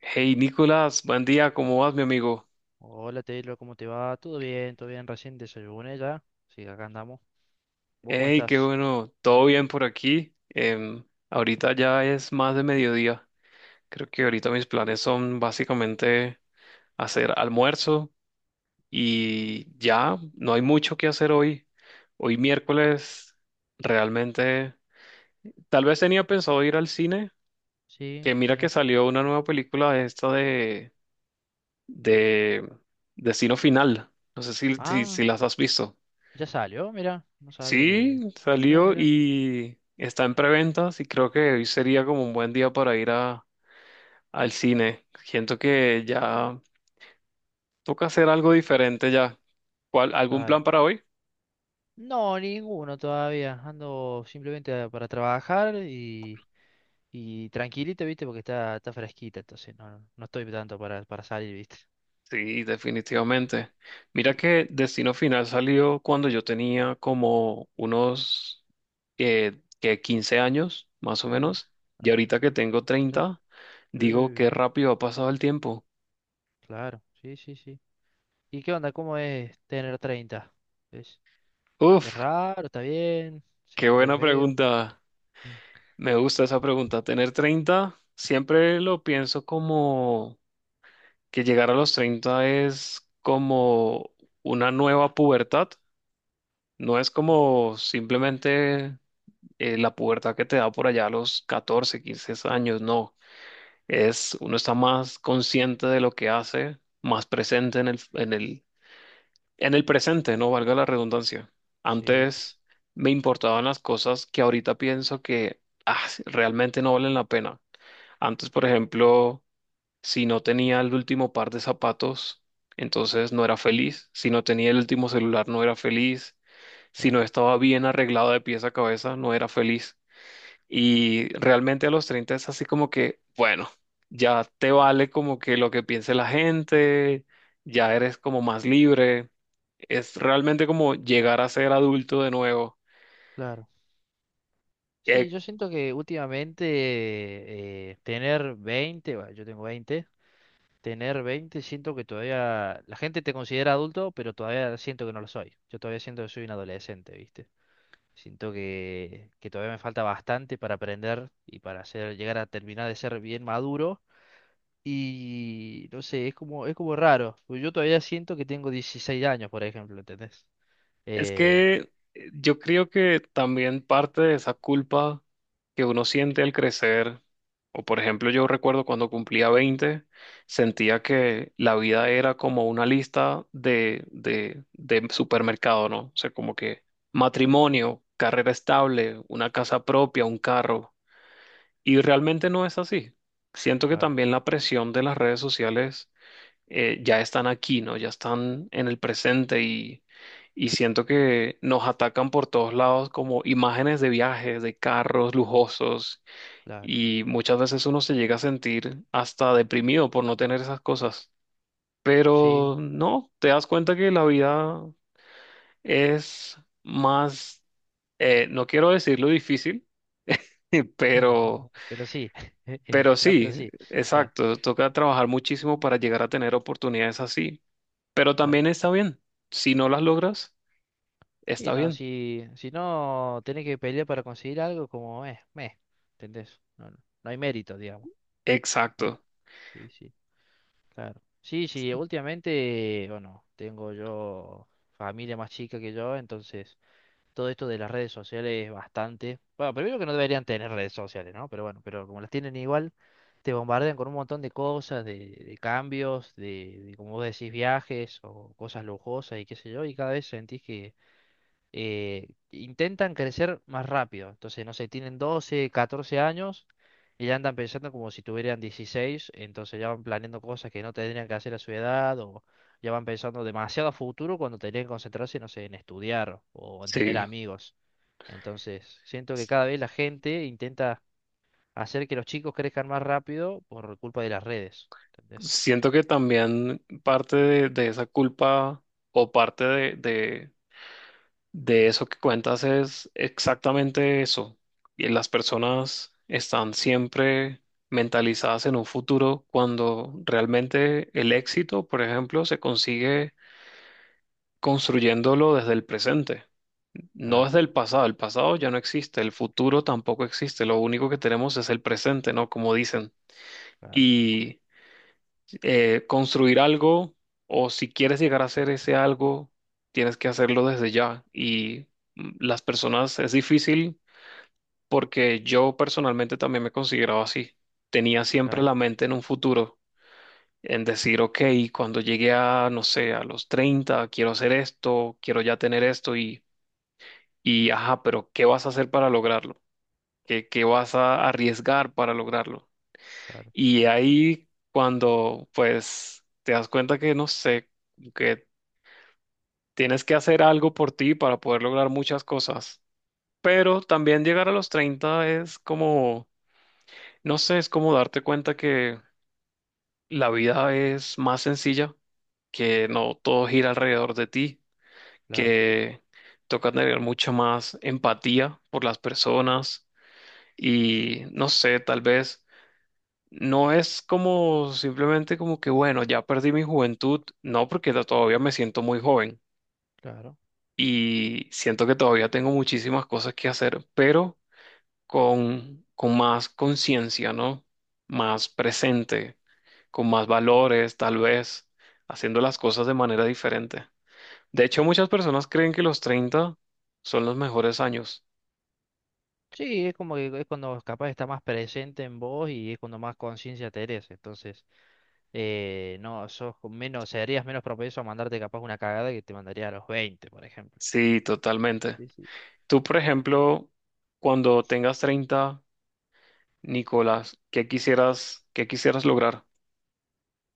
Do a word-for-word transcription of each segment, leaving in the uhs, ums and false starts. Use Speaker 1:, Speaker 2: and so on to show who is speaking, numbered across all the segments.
Speaker 1: Hey Nicolás, buen día, ¿cómo vas, mi amigo?
Speaker 2: Hola Taylor, ¿cómo te va? ¿Todo bien? ¿Todo bien? Recién desayuné ya. Sí, acá andamos. ¿Vos cómo
Speaker 1: Hey, qué
Speaker 2: estás?
Speaker 1: bueno, todo bien por aquí. Em, ahorita ya es más de mediodía. Creo que ahorita mis planes son básicamente hacer almuerzo y ya no hay mucho que hacer hoy. Hoy miércoles, realmente, tal vez tenía pensado ir al cine,
Speaker 2: Sí,
Speaker 1: que mira que
Speaker 2: mira.
Speaker 1: salió una nueva película esta de, de Destino Final. No sé si, si, si
Speaker 2: Ah,
Speaker 1: las has visto.
Speaker 2: ya salió, mira. No sabía que...
Speaker 1: Sí,
Speaker 2: Mira,
Speaker 1: salió
Speaker 2: mira.
Speaker 1: y está en preventas y creo que hoy sería como un buen día para ir a, al cine. Siento que ya toca hacer algo diferente ya. ¿Cuál, algún
Speaker 2: Claro.
Speaker 1: plan para hoy?
Speaker 2: No, ninguno todavía. Ando simplemente para trabajar y, y tranquilito, ¿viste? Porque está, está fresquita, entonces no, no no estoy tanto para, para salir, ¿viste?
Speaker 1: Sí, definitivamente. Mira
Speaker 2: Y-
Speaker 1: que Destino Final salió cuando yo tenía como unos eh, que quince años, más o
Speaker 2: uh,
Speaker 1: menos, y
Speaker 2: claro.
Speaker 1: ahorita que tengo
Speaker 2: Eh,
Speaker 1: treinta, digo
Speaker 2: eh,
Speaker 1: qué rápido ha pasado el tiempo.
Speaker 2: claro, sí, sí, sí. ¿Y qué onda? ¿Cómo es tener treinta? Es
Speaker 1: Uf,
Speaker 2: raro, está bien, se
Speaker 1: qué
Speaker 2: siente
Speaker 1: buena
Speaker 2: feo.
Speaker 1: pregunta.
Speaker 2: Mm.
Speaker 1: Me gusta esa pregunta. Tener treinta siempre lo pienso como que llegar a los treinta es como una nueva pubertad. No es como simplemente eh, la pubertad que te da por allá a los catorce quince años, no. Es, uno está más consciente de lo que hace, más presente en el, en el, en el presente, no valga la redundancia.
Speaker 2: Sí, sí, sí,
Speaker 1: Antes me importaban las cosas que ahorita pienso que ah, realmente no valen la pena. Antes, por ejemplo, si no tenía el último par de zapatos, entonces no era feliz. Si no tenía el último celular, no era feliz. Si no
Speaker 2: claro,
Speaker 1: estaba bien arreglado de pies a cabeza, no era feliz. Y realmente a los treinta es así como que, bueno, ya te vale como que lo que piense la gente, ya eres como más libre. Es realmente como llegar a ser adulto de nuevo.
Speaker 2: claro. Sí,
Speaker 1: Eh,
Speaker 2: yo siento que últimamente eh, tener veinte bueno, yo tengo veinte tener veinte siento que todavía la gente te considera adulto, pero todavía siento que no lo soy. Yo todavía siento que soy un adolescente, ¿viste? Siento que, que todavía me falta bastante para aprender y para hacer, llegar a terminar de ser bien maduro. Y no sé, es como, es como raro. Pues yo todavía siento que tengo dieciséis años, por ejemplo, ¿entendés?
Speaker 1: Es
Speaker 2: Eh,
Speaker 1: que eh, yo creo que también parte de esa culpa que uno siente al crecer, o por ejemplo yo recuerdo cuando cumplía veinte, sentía que la vida era como una lista de, de, de supermercado, ¿no? O sea, como que matrimonio, carrera estable, una casa propia, un carro. Y realmente no es así. Siento que
Speaker 2: claro,
Speaker 1: también la presión de las redes sociales eh, ya están aquí, ¿no? Ya están en el presente y, y siento que nos atacan por todos lados como imágenes de viajes, de carros lujosos
Speaker 2: claro.
Speaker 1: y muchas veces uno se llega a sentir hasta deprimido por no tener esas cosas.
Speaker 2: Sí,
Speaker 1: Pero no, te das cuenta que la vida es más, eh, no quiero decirlo difícil, pero,
Speaker 2: pero sí.
Speaker 1: pero
Speaker 2: No,
Speaker 1: sí,
Speaker 2: pero sí. Claro,
Speaker 1: exacto, toca trabajar muchísimo para llegar a tener oportunidades así. Pero
Speaker 2: claro.
Speaker 1: también está bien. Si no las logras,
Speaker 2: Sí,
Speaker 1: está
Speaker 2: no,
Speaker 1: bien.
Speaker 2: si, si no tenés que pelear para conseguir algo, como es, meh, ¿entendés? No, no, no hay mérito, digamos. No, no.
Speaker 1: Exacto.
Speaker 2: Sí, sí, claro. Sí, sí, últimamente, bueno, tengo yo familia más chica que yo, entonces todo esto de las redes sociales es bastante. Bueno, primero que no deberían tener redes sociales, ¿no? Pero bueno, pero como las tienen igual, te bombardean con un montón de cosas, de, de cambios, de, de, como vos decís, viajes o cosas lujosas y qué sé yo, y cada vez sentís que eh, intentan crecer más rápido. Entonces, no sé, tienen doce catorce años y ya andan pensando como si tuvieran dieciséis, entonces ya van planeando cosas que no tendrían que hacer a su edad o ya van pensando demasiado a futuro cuando tendrían que concentrarse, no sé, en estudiar o en tener
Speaker 1: Sí.
Speaker 2: amigos. Entonces, siento que cada vez la gente intenta hacer que los chicos crezcan más rápido por culpa de las redes. ¿Entendés?
Speaker 1: Siento que también parte de, de esa culpa o parte de, de, de eso que cuentas es exactamente eso. Y las personas están siempre mentalizadas en un futuro cuando realmente el éxito, por ejemplo, se consigue construyéndolo desde el presente. No es
Speaker 2: Claro,
Speaker 1: del pasado, el pasado ya no existe, el futuro tampoco existe, lo único que tenemos es el presente, ¿no? Como dicen.
Speaker 2: claro,
Speaker 1: Y eh, construir algo, o si quieres llegar a hacer ese algo, tienes que hacerlo desde ya. Y mm, las personas es difícil porque yo personalmente también me consideraba así. Tenía siempre
Speaker 2: claro,
Speaker 1: la mente en un futuro, en decir, ok, cuando llegué a, no sé, a los treinta quiero hacer esto, quiero ya tener esto y, y, ajá, pero ¿qué vas a hacer para lograrlo? ¿Qué, qué vas a arriesgar para lograrlo?
Speaker 2: claro,
Speaker 1: Y ahí cuando pues te das cuenta que no sé, que tienes que hacer algo por ti para poder lograr muchas cosas. Pero también llegar a los treinta es como, no sé, es como darte cuenta que la vida es más sencilla, que no todo gira alrededor de ti,
Speaker 2: claro,
Speaker 1: que toca tener mucha más empatía por las personas y no sé, tal vez no es como simplemente como que, bueno, ya perdí mi juventud, no, porque to- todavía me siento muy joven
Speaker 2: claro.
Speaker 1: y siento que todavía tengo muchísimas cosas que hacer, pero con, con más conciencia, ¿no? Más presente, con más valores, tal vez, haciendo las cosas de manera diferente. De hecho, muchas personas creen que los treinta son los mejores años.
Speaker 2: Sí, es como que es cuando capaz está más presente en vos y es cuando más conciencia tenés. Entonces, eh, no, sos con menos, serías menos propenso a mandarte capaz una cagada que te mandaría a los veinte, por ejemplo.
Speaker 1: Sí, totalmente.
Speaker 2: Sí, sí.
Speaker 1: Tú, por ejemplo, cuando tengas treinta Nicolás, ¿qué quisieras, qué quisieras lograr?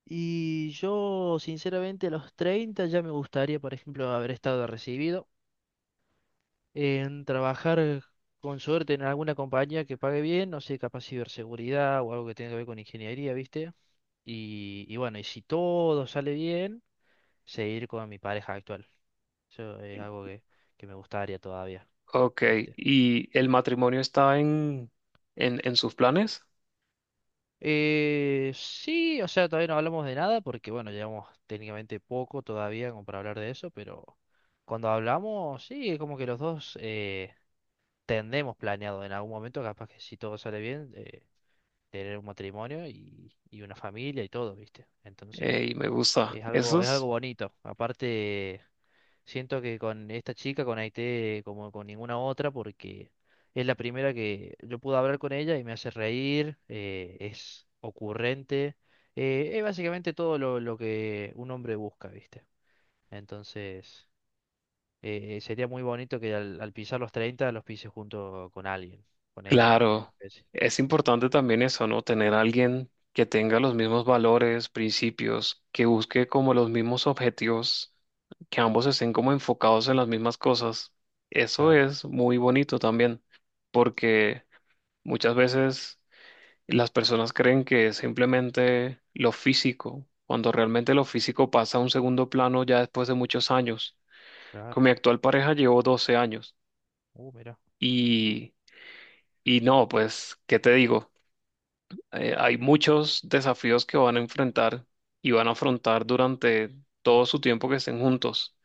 Speaker 2: Y yo, sinceramente, a los treinta ya me gustaría, por ejemplo, haber estado recibido. En trabajar con suerte en alguna compañía que pague bien, no sé, capaz ciberseguridad o algo que tenga que ver con ingeniería, ¿viste? Y, y bueno, y si todo sale bien, seguir con mi pareja actual. Eso es algo que, que me gustaría todavía,
Speaker 1: Ok,
Speaker 2: ¿viste?
Speaker 1: ¿y el matrimonio está en, en, en sus planes?
Speaker 2: Eh, sí, o sea, todavía no hablamos de nada porque, bueno, llevamos técnicamente poco todavía como para hablar de eso, pero cuando hablamos, sí, es como que los dos eh, tendremos planeado en algún momento, capaz que si todo sale bien, eh, tener un matrimonio y, y una familia y todo, ¿viste? Entonces,
Speaker 1: Y me gusta.
Speaker 2: es
Speaker 1: Eso
Speaker 2: algo, es algo
Speaker 1: es,
Speaker 2: bonito. Aparte, siento que con esta chica conecté como con ninguna otra porque es la primera que yo pude hablar con ella y me hace reír, eh, es ocurrente, eh, es básicamente todo lo, lo que un hombre busca, ¿viste? Entonces, eh, sería muy bonito que al, al pisar los treinta los pise junto con alguien, con ella, en
Speaker 1: claro,
Speaker 2: especie.
Speaker 1: es importante también eso, ¿no? Tener a alguien que tenga los mismos valores, principios, que busque como los mismos objetivos, que ambos estén como enfocados en las mismas cosas. Eso
Speaker 2: Claro,
Speaker 1: es muy bonito también, porque muchas veces las personas creen que es simplemente lo físico, cuando realmente lo físico pasa a un segundo plano ya después de muchos años.
Speaker 2: claro.
Speaker 1: Con mi actual pareja llevo doce años
Speaker 2: Uh, mira,
Speaker 1: y, y no, pues, ¿qué te digo? Eh, hay muchos desafíos que van a enfrentar y van a afrontar durante todo su tiempo que estén juntos.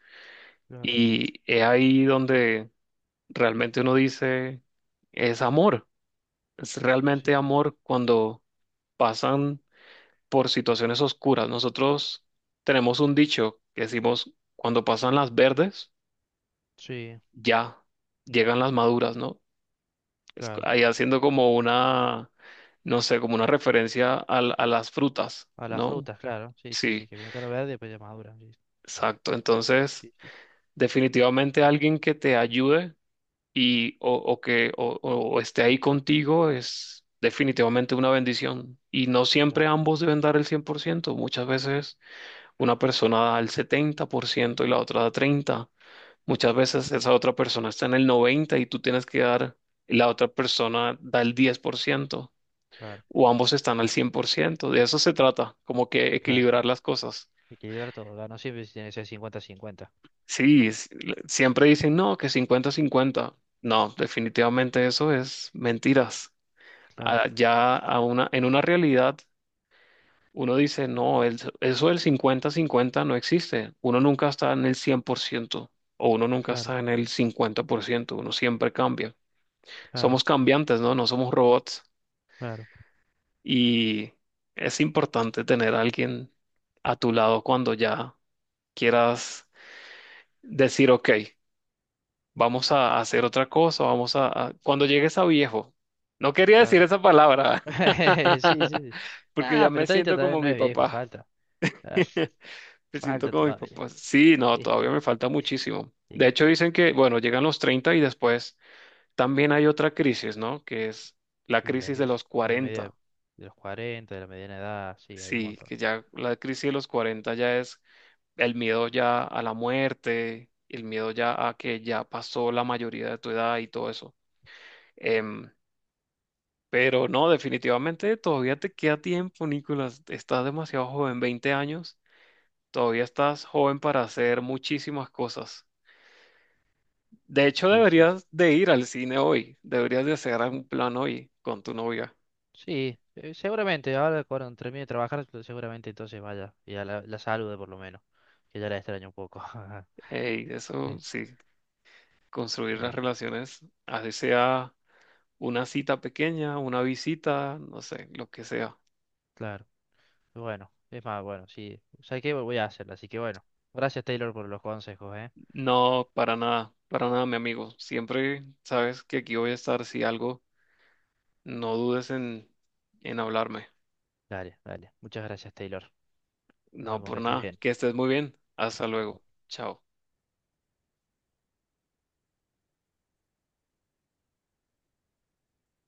Speaker 2: claro.
Speaker 1: Y es ahí donde realmente uno dice, es amor, es realmente
Speaker 2: Sí.
Speaker 1: amor cuando pasan por situaciones oscuras. Nosotros tenemos un dicho que decimos, cuando pasan las verdes,
Speaker 2: Sí,
Speaker 1: ya llegan las maduras, ¿no? Es c-
Speaker 2: claro.
Speaker 1: ahí haciendo como una, no sé, como una referencia al- a las frutas,
Speaker 2: A las
Speaker 1: ¿no?
Speaker 2: frutas, claro. Sí, sí, sí,
Speaker 1: Sí,
Speaker 2: que primero está lo verde y después ya madura. Sí,
Speaker 1: exacto. Entonces,
Speaker 2: sí, sí, sí,
Speaker 1: definitivamente alguien que te ayude y o, o que o, o- o esté ahí contigo es definitivamente una bendición. Y no siempre
Speaker 2: claro,
Speaker 1: ambos deben dar el cien por ciento. Muchas veces una persona da el setenta por ciento y la otra da treinta por ciento. Muchas veces esa otra persona está en el noventa por ciento y tú tienes que dar, y la otra persona da el diez por ciento,
Speaker 2: claro,
Speaker 1: o ambos están al cien por ciento. De eso se trata, como que
Speaker 2: claro.
Speaker 1: equilibrar las cosas.
Speaker 2: Equilibrar todo, ¿verdad? No siempre tiene que ser cincuenta cincuenta.
Speaker 1: Sí, es- siempre dicen, no, que cincuenta cincuenta. No, definitivamente eso es mentiras.
Speaker 2: Claro,
Speaker 1: Ah, ya a una, en una realidad uno dice, no, el- eso del cincuenta cincuenta no existe. Uno nunca está en el cien por ciento o uno nunca
Speaker 2: claro,
Speaker 1: está en el cincuenta por ciento. Uno siempre cambia.
Speaker 2: claro,
Speaker 1: Somos cambiantes, ¿no? No somos robots.
Speaker 2: claro,
Speaker 1: Y es importante tener a alguien a tu lado cuando ya quieras decir, ok, vamos a hacer otra cosa, vamos a... a-". Cuando llegues a viejo. No quería decir
Speaker 2: claro.
Speaker 1: esa palabra,
Speaker 2: Sí, sí, sí.
Speaker 1: porque ya
Speaker 2: Ah,
Speaker 1: me
Speaker 2: pero treinta
Speaker 1: siento
Speaker 2: todavía
Speaker 1: como
Speaker 2: no
Speaker 1: mi
Speaker 2: es viejo,
Speaker 1: papá.
Speaker 2: falta. Claro,
Speaker 1: Me siento
Speaker 2: falta
Speaker 1: como mis
Speaker 2: todavía.
Speaker 1: papás. Sí, no, todavía me falta muchísimo. De
Speaker 2: Sí,
Speaker 1: hecho, dicen que, bueno, llegan los treinta y después también hay otra crisis, ¿no? Que es la
Speaker 2: sí, la
Speaker 1: crisis
Speaker 2: que
Speaker 1: de
Speaker 2: es
Speaker 1: los
Speaker 2: de media
Speaker 1: cuarenta.
Speaker 2: de los cuarenta, de la mediana edad, sí, hay un
Speaker 1: Sí,
Speaker 2: montón.
Speaker 1: que ya la crisis de los cuarenta ya es el miedo ya a la muerte, el miedo ya a que ya pasó la mayoría de tu edad y todo eso. Em, pero no, definitivamente todavía te queda tiempo, Nicolás. Estás demasiado joven, veinte años. Todavía estás joven para hacer muchísimas cosas. De hecho,
Speaker 2: Sí, sí, sí.
Speaker 1: deberías de ir al cine hoy, deberías de hacer un plan hoy con tu novia.
Speaker 2: Sí, eh, seguramente, ahora cuando termine de trabajar, seguramente entonces vaya y a la, la salude por lo menos, que ya la extraño un poco.
Speaker 1: Eh, Y eso
Speaker 2: Eh,
Speaker 1: sí, construir las
Speaker 2: eh,
Speaker 1: relaciones, así sea una cita pequeña, una visita, no sé, lo que sea.
Speaker 2: claro, bueno, es más, bueno, sí, ¿sabes qué? Voy a hacerla, así que bueno, gracias Taylor por los consejos, ¿eh?
Speaker 1: No, para nada, para nada, mi amigo. Siempre sabes que aquí voy a estar, si algo, no dudes en, en hablarme.
Speaker 2: Dale, dale, muchas gracias Taylor, nos
Speaker 1: No,
Speaker 2: vemos, que
Speaker 1: por
Speaker 2: estés
Speaker 1: nada,
Speaker 2: bien.
Speaker 1: que estés muy bien. Hasta luego. Chao.